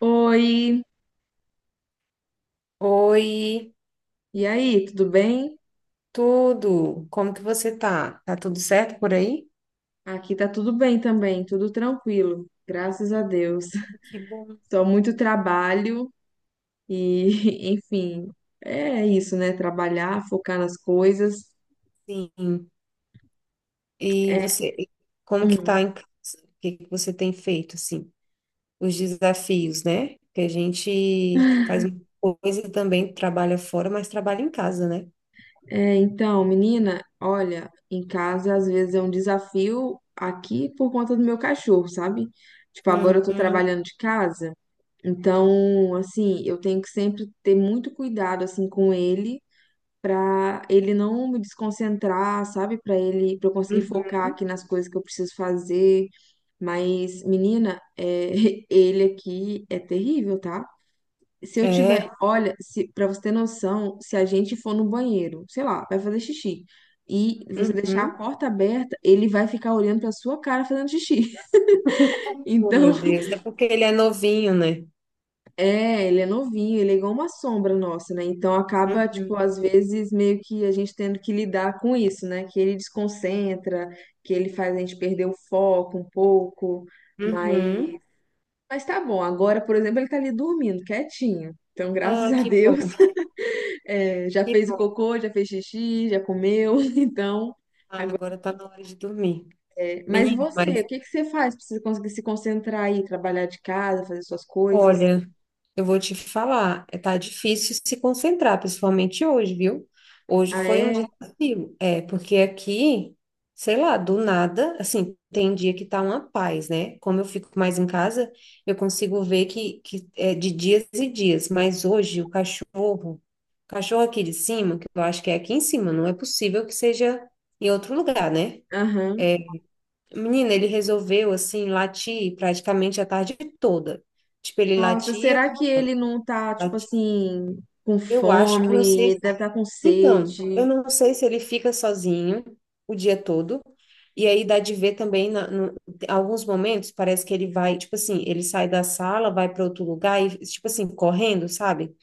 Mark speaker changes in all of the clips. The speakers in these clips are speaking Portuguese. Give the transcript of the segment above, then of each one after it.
Speaker 1: Oi,
Speaker 2: Oi,
Speaker 1: e aí, tudo bem?
Speaker 2: tudo? Como que você tá? Tá tudo certo por aí?
Speaker 1: Aqui tá tudo bem também, tudo tranquilo, graças a Deus.
Speaker 2: Que bom.
Speaker 1: Só muito trabalho e, enfim, é isso, né? Trabalhar, focar nas coisas.
Speaker 2: Sim. E
Speaker 1: É,
Speaker 2: você, e como que
Speaker 1: hum,
Speaker 2: tá em casa? O que que você tem feito, assim? Os desafios, né? Que a gente faz muita coisa e também trabalha fora, mas trabalha em casa, né?
Speaker 1: então, menina, olha, em casa às vezes é um desafio aqui por conta do meu cachorro, sabe? Tipo, agora
Speaker 2: Hum,
Speaker 1: eu tô
Speaker 2: hum,
Speaker 1: trabalhando de casa, então, assim, eu tenho que sempre ter muito cuidado, assim, com ele para ele não me desconcentrar, sabe? Para ele, para eu conseguir focar
Speaker 2: uhum.
Speaker 1: aqui nas coisas que eu preciso fazer. Mas, menina, é, ele aqui é terrível, tá? Se eu tiver,
Speaker 2: É.
Speaker 1: olha, se, para você ter noção, se a gente for no banheiro, sei lá, vai fazer xixi e você deixar a
Speaker 2: Uhum.
Speaker 1: porta aberta, ele vai ficar olhando para sua cara fazendo xixi.
Speaker 2: Oh,
Speaker 1: Então,
Speaker 2: meu Deus, é porque ele é novinho, né?
Speaker 1: é, ele é novinho, ele é igual uma sombra nossa, né? Então acaba,
Speaker 2: Uhum.
Speaker 1: tipo, às vezes meio que a gente tendo que lidar com isso, né? Que ele desconcentra, que ele faz a gente perder o foco um pouco, mas,
Speaker 2: Uhum.
Speaker 1: mas tá bom. Agora, por exemplo, ele tá ali dormindo, quietinho. Então, graças
Speaker 2: Ah,
Speaker 1: a
Speaker 2: que bom,
Speaker 1: Deus, é, já
Speaker 2: que
Speaker 1: fez o
Speaker 2: bom.
Speaker 1: cocô, já fez xixi, já comeu, então.
Speaker 2: Ah, agora tá na hora de dormir.
Speaker 1: Mas
Speaker 2: Menino.
Speaker 1: você, o que que você faz pra você conseguir se concentrar aí, trabalhar de casa, fazer suas coisas?
Speaker 2: Olha, eu vou te falar, tá difícil se concentrar, principalmente hoje, viu? Hoje
Speaker 1: Ah,
Speaker 2: foi um
Speaker 1: é?
Speaker 2: dia desafio. Porque aqui, sei lá, do nada, assim, tem dia que tá uma paz, né? Como eu fico mais em casa, eu consigo ver que é de dias e dias, mas hoje o cachorro aqui de cima, que eu acho que é aqui em cima, não é possível que seja em outro lugar, né?
Speaker 1: Aham.
Speaker 2: Menina, ele resolveu, assim, latir praticamente a tarde toda. Tipo, ele
Speaker 1: Nossa,
Speaker 2: latia.
Speaker 1: será que ele não tá, tipo assim, com
Speaker 2: Eu acho, eu não
Speaker 1: fome? Ele
Speaker 2: sei.
Speaker 1: deve estar com
Speaker 2: Então,
Speaker 1: sede.
Speaker 2: eu não sei se ele fica sozinho o dia todo. E aí dá de ver também, na, no- tem alguns momentos, parece que ele vai, tipo assim, ele sai da sala, vai para outro lugar e, tipo assim, correndo, sabe?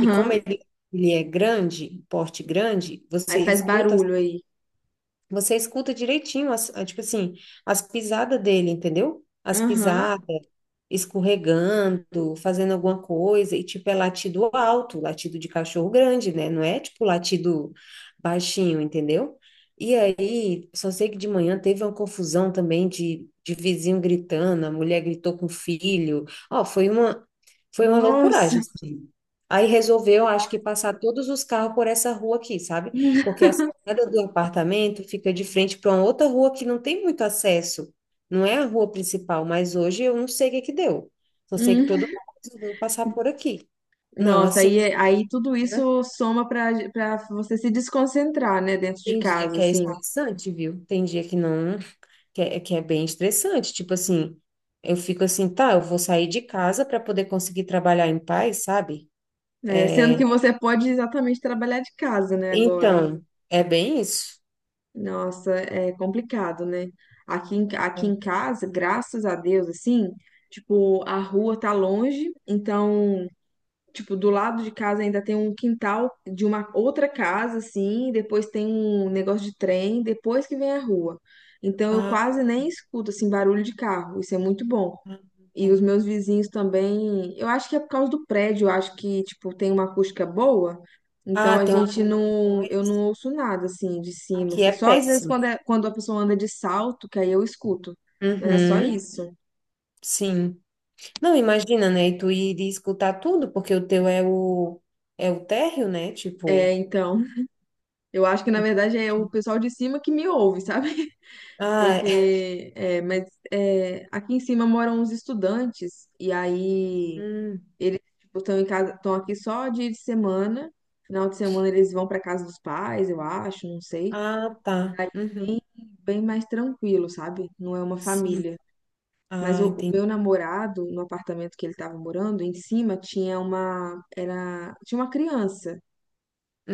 Speaker 2: E como ele é grande, porte grande,
Speaker 1: Aí faz barulho aí.
Speaker 2: você escuta direitinho, tipo assim, as pisadas dele, entendeu? As
Speaker 1: Aham.
Speaker 2: pisadas, escorregando, fazendo alguma coisa, e tipo, é latido alto, latido de cachorro grande, né? Não é tipo latido baixinho, entendeu? E aí, só sei que de manhã teve uma confusão também de vizinho gritando, a mulher gritou com o filho. Ó, foi uma
Speaker 1: Nossa.
Speaker 2: loucuragem, assim. Aí resolveu, acho que, passar todos os carros por essa rua aqui, sabe? Porque as Cada do apartamento fica de frente para uma outra rua que não tem muito acesso. Não é a rua principal, mas hoje eu não sei o que que deu. Só sei que todo
Speaker 1: Hum.
Speaker 2: mundo resolveu passar por aqui. Não,
Speaker 1: Nossa,
Speaker 2: assim,
Speaker 1: aí tudo
Speaker 2: né?
Speaker 1: isso soma pra você se desconcentrar, né, dentro de
Speaker 2: Tem dia
Speaker 1: casa,
Speaker 2: que é
Speaker 1: assim.
Speaker 2: estressante, viu? Tem dia que não, que é bem estressante. Tipo assim, eu fico assim, tá, eu vou sair de casa para poder conseguir trabalhar em paz, sabe?
Speaker 1: É, sendo que você pode exatamente trabalhar de casa, né, agora.
Speaker 2: Então, é bem isso.
Speaker 1: Nossa, é complicado, né? Aqui
Speaker 2: É.
Speaker 1: em casa, graças a Deus, assim, tipo, a rua tá longe, então. Tipo, do lado de casa ainda tem um quintal de uma outra casa, assim, depois tem um negócio de trem, depois que vem a rua. Então eu
Speaker 2: Ah,
Speaker 1: quase nem escuto, assim, barulho de carro. Isso é muito bom.
Speaker 2: ah,
Speaker 1: E
Speaker 2: tá.
Speaker 1: os meus vizinhos também, eu acho que é por causa do prédio, eu acho que, tipo, tem uma acústica boa. Então
Speaker 2: Ah,
Speaker 1: a
Speaker 2: tem uma.
Speaker 1: gente
Speaker 2: Ah, então
Speaker 1: não,
Speaker 2: é
Speaker 1: eu
Speaker 2: isso.
Speaker 1: não ouço nada assim de cima,
Speaker 2: Aqui
Speaker 1: assim.
Speaker 2: é
Speaker 1: Só às vezes
Speaker 2: péssimo.
Speaker 1: quando, é, quando a pessoa anda de salto, que aí eu escuto. Mas é só
Speaker 2: Uhum.
Speaker 1: isso.
Speaker 2: Sim. Não, imagina, né? E tu iria escutar tudo, porque o teu é o é o térreo, né?
Speaker 1: É,
Speaker 2: Tipo.
Speaker 1: então, eu acho que na verdade é o pessoal de cima que me ouve, sabe?
Speaker 2: Ah, é.
Speaker 1: Porque, mas aqui em cima moram uns estudantes, e aí
Speaker 2: Hum.
Speaker 1: eles tipo, estão em casa, estão aqui só dia de semana. Final de semana eles vão para casa dos pais, eu acho, não sei.
Speaker 2: Ah, tá.
Speaker 1: Aí
Speaker 2: Uhum.
Speaker 1: bem mais tranquilo, sabe? Não é uma
Speaker 2: Sim.
Speaker 1: família. Mas
Speaker 2: Ah,
Speaker 1: o
Speaker 2: entendi.
Speaker 1: meu namorado, no apartamento que ele estava morando, em cima tinha uma criança.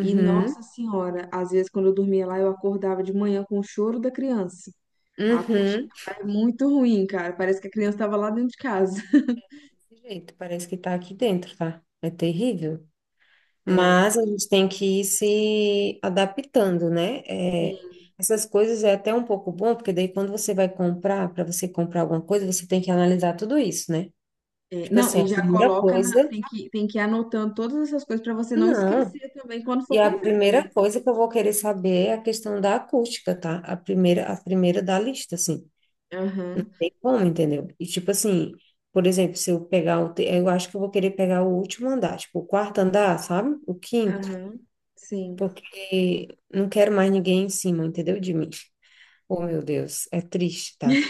Speaker 1: E, nossa senhora, às vezes quando eu dormia lá, eu acordava de manhã com o choro da criança. A acústica
Speaker 2: Uhum.
Speaker 1: é muito ruim, cara. Parece que a criança estava lá dentro de casa.
Speaker 2: Desse jeito, parece que tá aqui dentro, tá? É terrível.
Speaker 1: É,
Speaker 2: Mas a gente tem que ir se adaptando, né? É,
Speaker 1: sim.
Speaker 2: essas coisas é até um pouco bom, porque daí quando você vai comprar, para você comprar alguma coisa, você tem que analisar tudo isso, né?
Speaker 1: É,
Speaker 2: Tipo
Speaker 1: não,
Speaker 2: assim, a
Speaker 1: e já
Speaker 2: primeira
Speaker 1: coloca na.
Speaker 2: coisa.
Speaker 1: Tem que ir anotando todas essas coisas para você não
Speaker 2: Não.
Speaker 1: esquecer também quando for
Speaker 2: E a
Speaker 1: comprar,
Speaker 2: primeira
Speaker 1: né?
Speaker 2: coisa que eu vou querer saber é a questão da acústica, tá? A primeira da lista, assim.
Speaker 1: Aham,
Speaker 2: E como, entendeu? E tipo assim, por exemplo, se eu pegar eu acho que eu vou querer pegar o último andar, tipo o quarto andar, sabe? O quinto,
Speaker 1: aham. Sim.
Speaker 2: porque não quero mais ninguém em cima, entendeu? De mim. Oh, meu Deus, é triste, tá?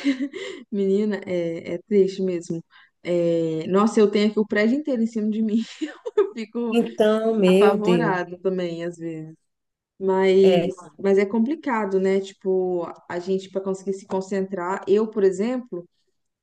Speaker 1: Menina, é, é triste mesmo. É, nossa, eu tenho aqui o prédio inteiro em cima de mim. Eu fico
Speaker 2: Então, meu Deus,
Speaker 1: apavorada também, às vezes.
Speaker 2: é.
Speaker 1: Mas é complicado, né? Tipo, a gente para conseguir se concentrar. Eu, por exemplo.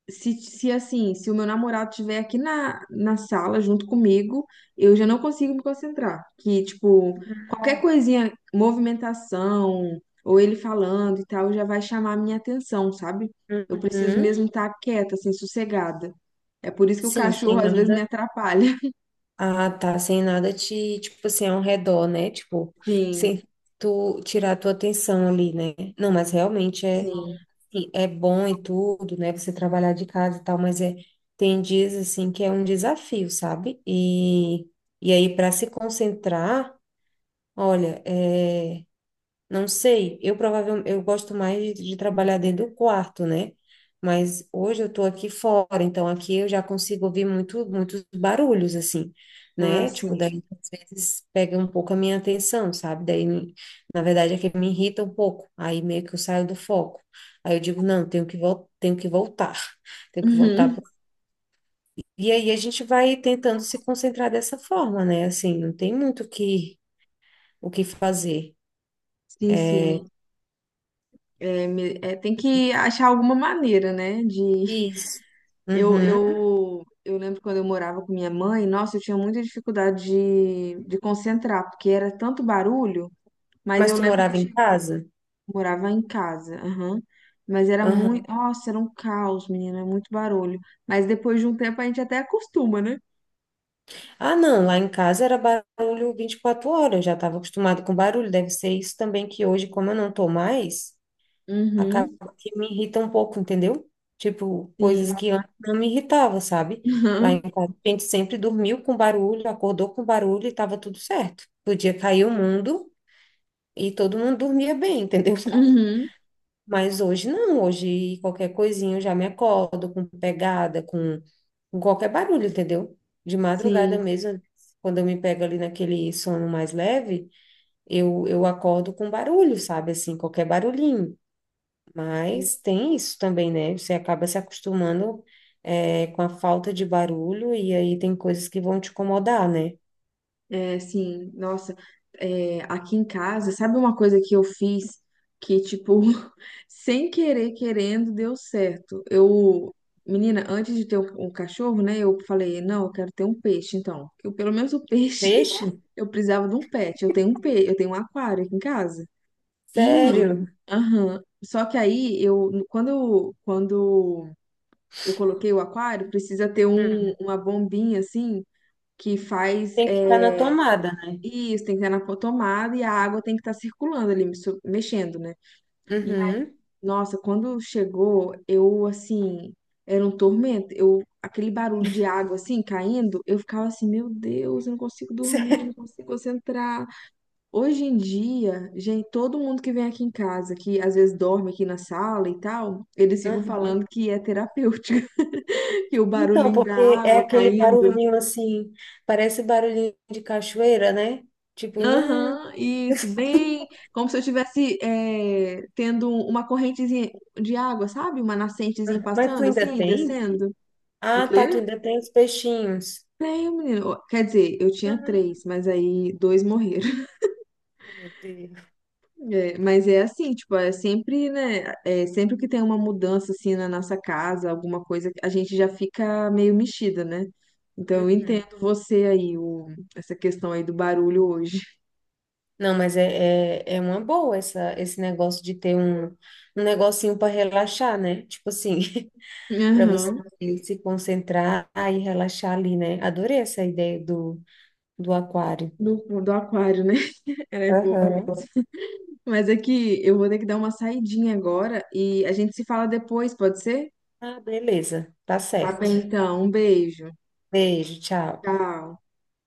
Speaker 1: Se assim, se o meu namorado estiver aqui na sala junto comigo, eu já não consigo me concentrar. Que, tipo, qualquer coisinha, movimentação, ou ele falando e tal, já vai chamar a minha atenção, sabe? Eu preciso
Speaker 2: Uhum.
Speaker 1: mesmo estar quieta, assim, sossegada. É por isso que o
Speaker 2: Sim, sem
Speaker 1: cachorro às vezes me
Speaker 2: nada.
Speaker 1: atrapalha.
Speaker 2: Ah, tá, sem nada te, tipo assim, ao redor, né? Tipo,
Speaker 1: Sim,
Speaker 2: sem tu tirar a tua atenção ali, né? Não, mas realmente é,
Speaker 1: sim.
Speaker 2: sim, é bom e tudo, né? Você trabalhar de casa e tal, mas é, tem dias assim que é um desafio, sabe? E aí, para se concentrar, olha, é. Não sei, eu provavelmente eu gosto mais de trabalhar dentro do quarto, né? Mas hoje eu tô aqui fora, então aqui eu já consigo ouvir muitos barulhos, assim,
Speaker 1: Ah,
Speaker 2: né? Tipo,
Speaker 1: sim.
Speaker 2: daí às vezes pega um pouco a minha atenção, sabe? Na verdade, é que me irrita um pouco, aí meio que eu saio do foco. Aí eu digo, não, tenho que voltar, tenho que voltar.
Speaker 1: Uhum.
Speaker 2: Pro- E aí a gente vai tentando se concentrar dessa forma, né? Assim, não tem muito o que fazer.
Speaker 1: Sim, sim. É, tem que achar alguma maneira, né, de
Speaker 2: Isso.
Speaker 1: Eu,
Speaker 2: Uhum.
Speaker 1: eu, eu lembro quando eu morava com minha mãe, nossa, eu tinha muita dificuldade de concentrar, porque era tanto barulho, mas
Speaker 2: Mas
Speaker 1: eu
Speaker 2: tu
Speaker 1: lembro que
Speaker 2: morava em casa?
Speaker 1: morava em casa, aham. Mas era muito,
Speaker 2: Aham.
Speaker 1: nossa, era um caos, menina, muito barulho. Mas depois de um tempo a gente até acostuma, né?
Speaker 2: Ah, não, lá em casa era barulho 24 horas, eu já estava acostumado com barulho. Deve ser isso também que hoje, como eu não tô mais, acaba
Speaker 1: Uhum,
Speaker 2: que me irrita um pouco, entendeu? Tipo, coisas que
Speaker 1: sim.
Speaker 2: antes não me irritava, sabe? Lá em
Speaker 1: Aham,
Speaker 2: casa a gente sempre dormiu com barulho, acordou com barulho e estava tudo certo. Podia cair o mundo e todo mundo dormia bem, entendeu?
Speaker 1: Uhum,
Speaker 2: Mas hoje não, hoje qualquer coisinha eu já me acordo com pegada, com qualquer barulho, entendeu? De madrugada
Speaker 1: sim.
Speaker 2: mesmo, quando eu me pego ali naquele sono mais leve, eu acordo com barulho, sabe? Assim, qualquer barulhinho. Mas tem isso também, né? Você acaba se acostumando, é, com a falta de barulho e aí tem coisas que vão te incomodar, né?
Speaker 1: É, sim, nossa, aqui em casa, sabe uma coisa que eu fiz que, tipo, sem querer, querendo, deu certo? Eu, menina, antes de ter um cachorro, né, eu falei, não, eu quero ter um peixe, então. Eu, pelo menos o peixe,
Speaker 2: Peixe?
Speaker 1: eu precisava de um pet. Eu tenho eu tenho um aquário aqui em casa. E,
Speaker 2: Sério?
Speaker 1: aham, só que aí, quando eu coloquei o aquário, precisa ter um,
Speaker 2: Hum.
Speaker 1: uma bombinha, assim, que faz,
Speaker 2: Tem que estar na tomada, né?
Speaker 1: isso, tem que estar na tomada e a água tem que estar circulando ali, mexendo, né? E,
Speaker 2: Uhum.
Speaker 1: nossa, quando chegou, eu, assim, era um tormento. Eu, aquele barulho de água, assim, caindo, eu ficava assim, meu Deus, eu não consigo dormir, não consigo concentrar. Hoje em dia, gente, todo mundo que vem aqui em casa, que às vezes dorme aqui na sala e tal, eles ficam falando que é terapêutico, que o
Speaker 2: Então,
Speaker 1: barulhinho da
Speaker 2: porque é
Speaker 1: água
Speaker 2: aquele
Speaker 1: caindo.
Speaker 2: barulhinho assim, parece barulhinho de cachoeira, né? Tipo, não.
Speaker 1: Aham, isso, bem como se eu estivesse é, tendo uma correntezinha de água, sabe? Uma nascentezinha
Speaker 2: Mas tu
Speaker 1: passando,
Speaker 2: ainda
Speaker 1: assim,
Speaker 2: tem?
Speaker 1: descendo. O
Speaker 2: Ah, tá, tu
Speaker 1: quê?
Speaker 2: ainda tem os peixinhos.
Speaker 1: Tenho, menino. Quer dizer, eu tinha
Speaker 2: Ah,
Speaker 1: três, mas aí dois morreram.
Speaker 2: meu Deus.
Speaker 1: É, mas é assim, tipo, é sempre, né? É sempre que tem uma mudança, assim, na nossa casa, alguma coisa, a gente já fica meio mexida, né? Então eu
Speaker 2: Uhum.
Speaker 1: entendo você aí, essa questão aí do barulho hoje.
Speaker 2: Não, mas é uma boa essa, esse negócio de ter um negocinho para relaxar, né? Tipo assim, para você
Speaker 1: Aham,
Speaker 2: se concentrar e relaxar ali, né? Adorei essa ideia do, do aquário.
Speaker 1: do, do aquário, né? Ela é boa.
Speaker 2: Aham.
Speaker 1: Mas é que eu vou ter que dar uma saidinha agora e a gente se fala depois, pode ser?
Speaker 2: Ah, beleza, tá
Speaker 1: Tá
Speaker 2: certo.
Speaker 1: bem, então. Um beijo.
Speaker 2: Beijo, tchau.
Speaker 1: Tchau.